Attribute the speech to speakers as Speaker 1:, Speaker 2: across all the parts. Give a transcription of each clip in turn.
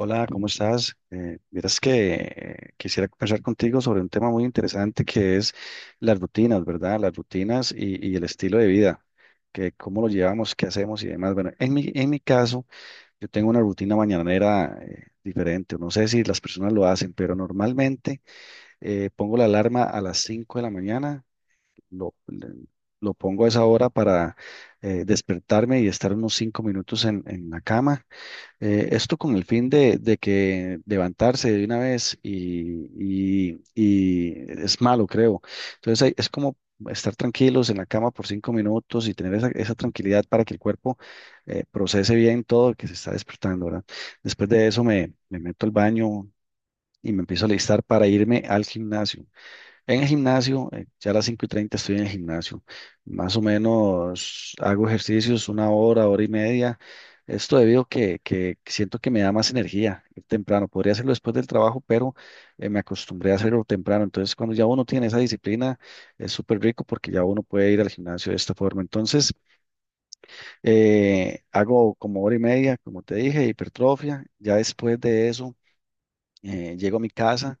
Speaker 1: Hola, ¿cómo estás? Miras que quisiera conversar contigo sobre un tema muy interesante que es las rutinas, ¿verdad? Las rutinas y el estilo de vida, que cómo lo llevamos, qué hacemos y demás. Bueno, en mi caso, yo tengo una rutina mañanera diferente. No sé si las personas lo hacen, pero normalmente pongo la alarma a las 5 de la mañana. lo, le- lo pongo a esa hora para despertarme y estar unos 5 minutos en la cama, esto con el fin de que levantarse de una vez y es malo, creo. Es como estar tranquilos en la cama por cinco minutos y tener esa tranquilidad para que el cuerpo procese bien todo que se está despertando, ¿verdad? Después de eso me meto al baño y me empiezo a listar para irme al gimnasio. En el gimnasio, ya a las 5 y 30 estoy en el gimnasio. Más o menos hago ejercicios una hora, hora y media. Esto debido a que siento que me da más energía ir temprano. Podría hacerlo después del trabajo, pero me acostumbré a hacerlo temprano. Entonces, cuando ya uno tiene esa disciplina, es súper rico porque ya uno puede ir al gimnasio de esta forma. Entonces, hago como hora y media, como te dije, hipertrofia. Ya después de eso, llego a mi casa,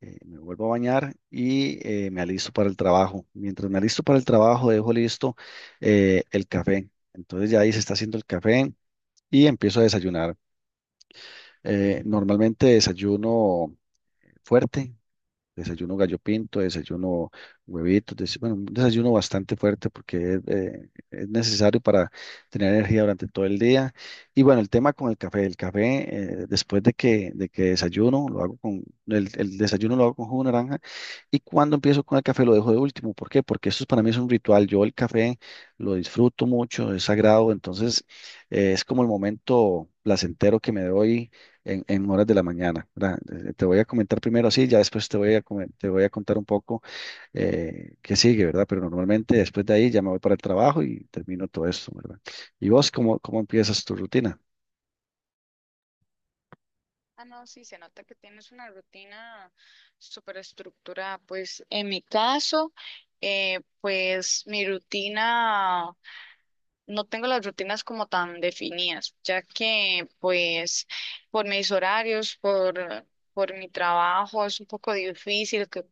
Speaker 1: me vuelvo a bañar y me alisto para el trabajo. Mientras me alisto para el trabajo, dejo listo el café. Entonces ya ahí se está haciendo el café y empiezo a desayunar. Normalmente desayuno fuerte. Desayuno gallo pinto, desayuno huevitos, bueno, un desayuno bastante fuerte porque es necesario para tener energía durante todo el día. Y bueno, el tema con el café, después de que desayuno, lo hago con, el desayuno lo hago con jugo de naranja, y cuando empiezo con el café lo dejo de último. ¿Por qué? Para mí es un ritual. Yo el café lo disfruto mucho, es sagrado. Entonces es como el momento placentero que me doy en horas de la mañana, ¿verdad? Te voy a comentar primero así, ya después te voy a, te voy a contar un poco qué sigue, ¿verdad? Pero normalmente después de ahí ya me voy para el trabajo y termino todo esto, ¿verdad? ¿Y vos cómo empiezas tu rutina?
Speaker 2: Ah, no, sí, se nota que tienes una rutina súper estructurada. Pues en mi caso, pues mi rutina, no tengo las rutinas como tan definidas, ya que pues por mis horarios, por mi trabajo, es un poco difícil que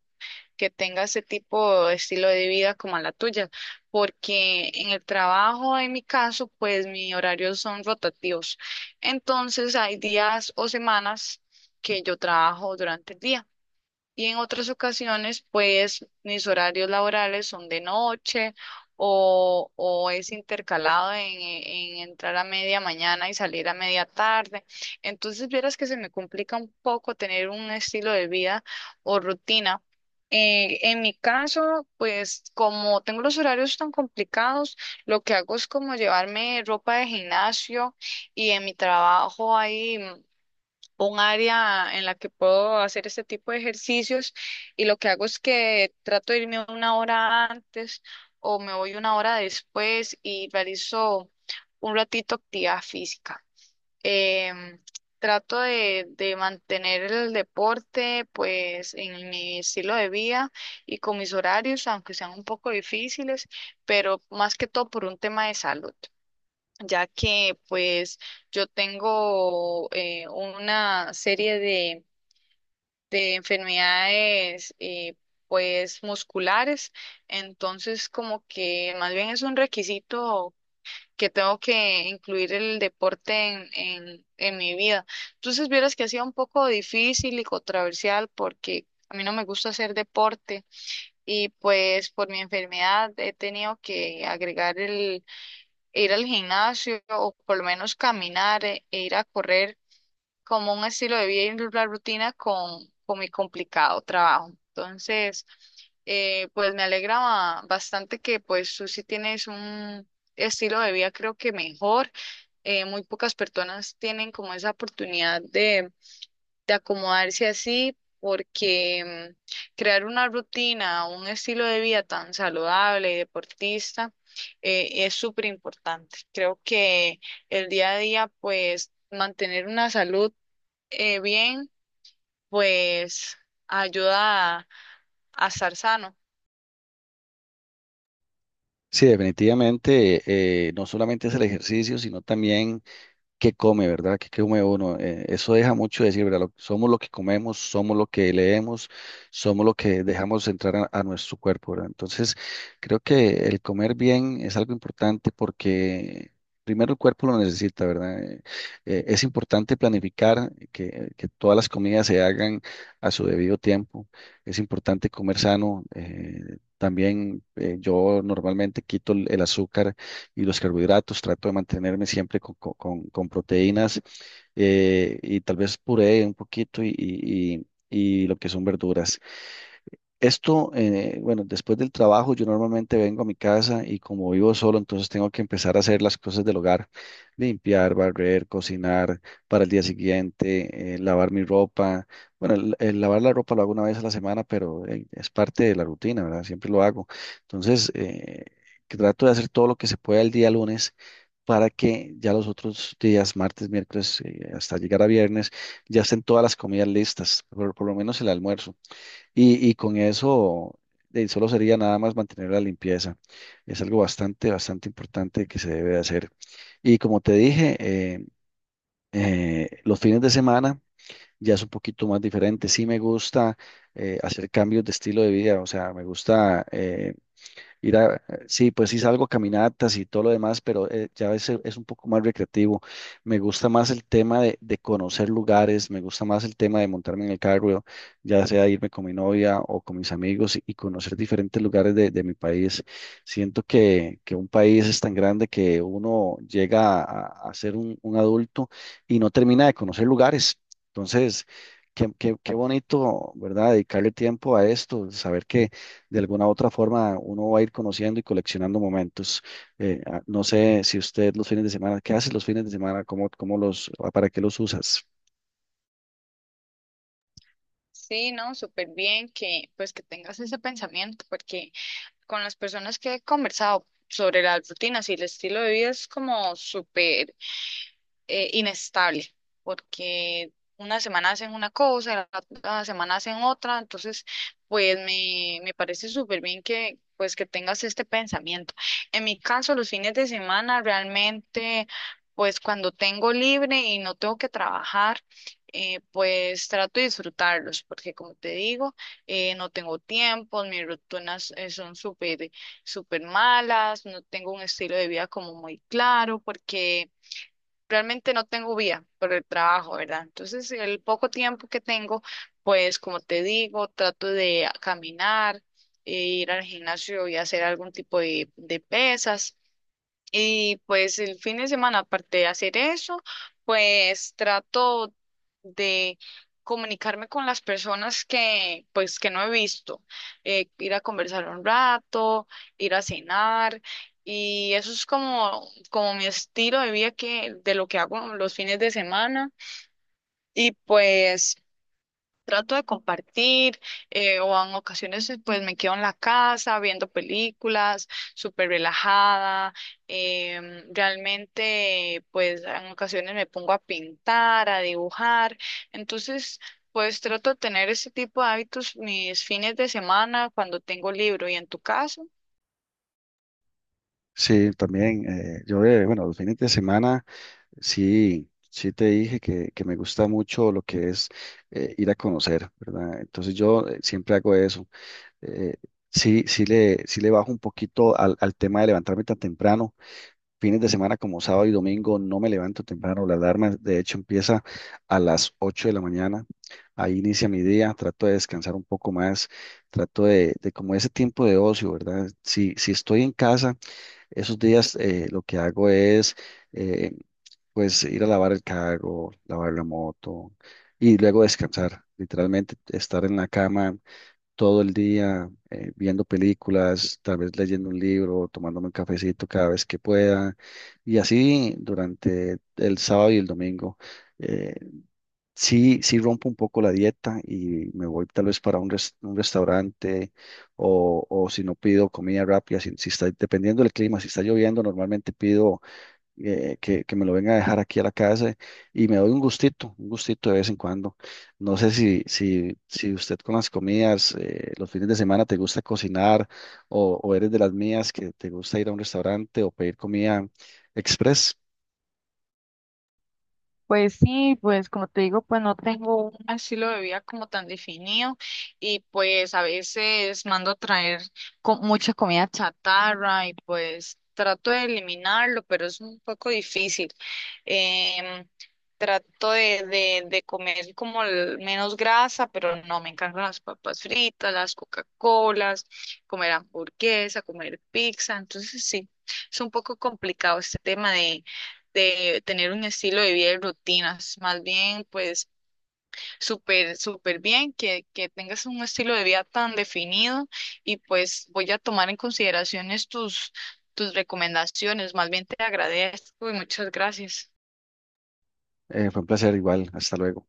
Speaker 2: tenga ese tipo de estilo de vida como a la tuya, porque en el trabajo, en mi caso, pues mis horarios son rotativos. Entonces hay días o semanas que yo trabajo durante el día. Y en otras ocasiones, pues mis horarios laborales son de noche o es intercalado en entrar a media mañana y salir a media tarde. Entonces, vieras que se me complica un poco tener un estilo de vida o rutina. En mi caso, pues como tengo los horarios tan complicados, lo que hago es como llevarme ropa de gimnasio y en mi trabajo hay un área en la que puedo hacer este tipo de ejercicios y lo que hago es que trato de irme una hora antes o me voy una hora después y realizo un ratito actividad física. Em, Trato de mantener el deporte pues en mi estilo de vida y con mis horarios, aunque sean un poco difíciles, pero más que todo por un tema de salud ya que pues yo tengo una serie de enfermedades pues musculares, entonces como que más bien es un requisito que tengo que incluir el deporte en mi vida. Entonces vieras que ha sido un poco difícil y controversial porque a mí no me gusta hacer deporte y pues por mi enfermedad he tenido que agregar ir al gimnasio o por lo menos caminar e ir a correr como un estilo de vida y una rutina con mi complicado trabajo. Entonces, pues me alegra bastante que pues tú sí tienes un estilo de vida creo que mejor. Muy pocas personas tienen como esa oportunidad de acomodarse así, porque crear una rutina, un estilo de vida tan saludable y deportista, es súper importante. Creo que el día a día, pues mantener una salud, bien, pues ayuda a estar sano.
Speaker 1: Sí, definitivamente, no solamente es el ejercicio, sino también qué come, ¿verdad? Qué come uno? Eso deja mucho decir, ¿verdad? Somos lo que comemos, somos lo que leemos, somos lo que dejamos entrar a nuestro cuerpo, ¿verdad? Entonces, creo que el comer bien es algo importante porque primero el cuerpo lo necesita, ¿verdad? Es importante planificar que todas las comidas se hagan a su debido tiempo. Es importante comer sano. También yo normalmente quito el azúcar y los carbohidratos, trato de mantenerme siempre con proteínas, y tal vez puré un poquito y lo que son verduras. Esto, bueno, después del trabajo yo normalmente vengo a mi casa y como vivo solo, entonces tengo que empezar a hacer las cosas del hogar: limpiar, barrer, cocinar para el día siguiente, lavar mi ropa. Bueno, el lavar la ropa lo hago una vez a la semana, pero es parte de la rutina, ¿verdad? Siempre lo hago. Entonces, que trato de hacer todo lo que se pueda el día lunes para que ya los otros días, martes, miércoles, hasta llegar a viernes, ya estén todas las comidas listas, por lo menos el almuerzo. Y con eso solo sería nada más mantener la limpieza. Es algo bastante importante que se debe de hacer. Y como te dije, los fines de semana ya es un poquito más diferente. Sí me gusta hacer cambios de estilo de vida, o sea, me gusta ir a, sí, pues sí salgo a caminatas y todo lo demás, pero ya es un poco más recreativo. Me gusta más el tema de conocer lugares, me gusta más el tema de montarme en el carro, ya sea irme con mi novia o con mis amigos y conocer diferentes lugares de mi país. Siento que un país es tan grande que uno llega a ser un adulto y no termina de conocer lugares. Entonces, qué bonito, ¿verdad? Dedicarle tiempo a esto, saber que de alguna u otra forma uno va a ir conociendo y coleccionando momentos. No sé si usted los fines de semana, ¿qué hace los fines de semana? Cómo los, ah, para qué los usas?
Speaker 2: Sí, ¿no? Súper bien que pues que tengas ese pensamiento, porque con las personas que he conversado sobre las rutinas y el estilo de vida es como súper, inestable, porque una semana hacen una cosa, la otra semana hacen otra, entonces pues me parece súper bien que pues que tengas este pensamiento. En mi caso, los fines de semana realmente pues cuando tengo libre y no tengo que trabajar, pues trato de disfrutarlos, porque como te digo, no tengo tiempo, mis rutinas son súper, súper malas, no tengo un estilo de vida como muy claro, porque realmente no tengo vía por el trabajo, ¿verdad? Entonces, el poco tiempo que tengo, pues como te digo, trato de caminar, e ir al gimnasio y hacer algún tipo de pesas. Y pues el fin de semana, aparte de hacer eso, pues trato de comunicarme con las personas que pues que no he visto, ir a conversar un rato, ir a cenar y eso es como como mi estilo de vida que de lo que hago los fines de semana y pues trato de compartir, o en ocasiones pues me quedo en la casa viendo películas, súper relajada. Realmente pues en ocasiones me pongo a pintar, a dibujar. Entonces pues trato de tener ese tipo de hábitos mis fines de semana cuando tengo libro. ¿Y en tu caso?
Speaker 1: Sí, también. Yo, bueno, los fines de semana, sí te dije que me gusta mucho lo que es ir a conocer, ¿verdad? Entonces yo siempre hago eso. Eh, sí, sí le bajo un poquito al tema de levantarme tan temprano. Fines de semana como sábado y domingo no me levanto temprano. La alarma, de hecho, empieza a las 8 de la mañana. Ahí inicia mi día. Trato de descansar un poco más. Trato de como ese tiempo de ocio, ¿verdad? Si estoy en casa, esos días lo que hago es, eh, pues, ir a lavar el carro, lavar la moto y luego descansar. Literalmente estar en la cama todo el día, viendo películas, tal vez leyendo un libro, tomándome un cafecito cada vez que pueda, y así durante el sábado y el domingo. Eh, sí, sí rompo un poco la dieta y me voy tal vez para un, un restaurante, o si no pido comida rápida, si está, dependiendo del clima, si está lloviendo, normalmente pido que me lo venga a dejar aquí a la casa y me doy un gustito de vez en cuando. No sé si usted con las comidas, los fines de semana te gusta cocinar o eres de las mías que te gusta ir a un restaurante o pedir comida express.
Speaker 2: Pues sí, pues como te digo, pues no tengo un estilo de vida como tan definido y pues a veces mando a traer mucha comida chatarra y pues trato de eliminarlo, pero es un poco difícil. Em, Trato de comer como menos grasa, pero no, me encantan las papas fritas, las Coca-Colas, comer hamburguesa, comer pizza, entonces sí, es un poco complicado este tema de tener un estilo de vida y rutinas, más bien pues súper, súper bien que tengas un estilo de vida tan definido y pues voy a tomar en consideraciones tus, tus recomendaciones, más bien te agradezco y muchas gracias.
Speaker 1: Fue un placer igual. Hasta luego.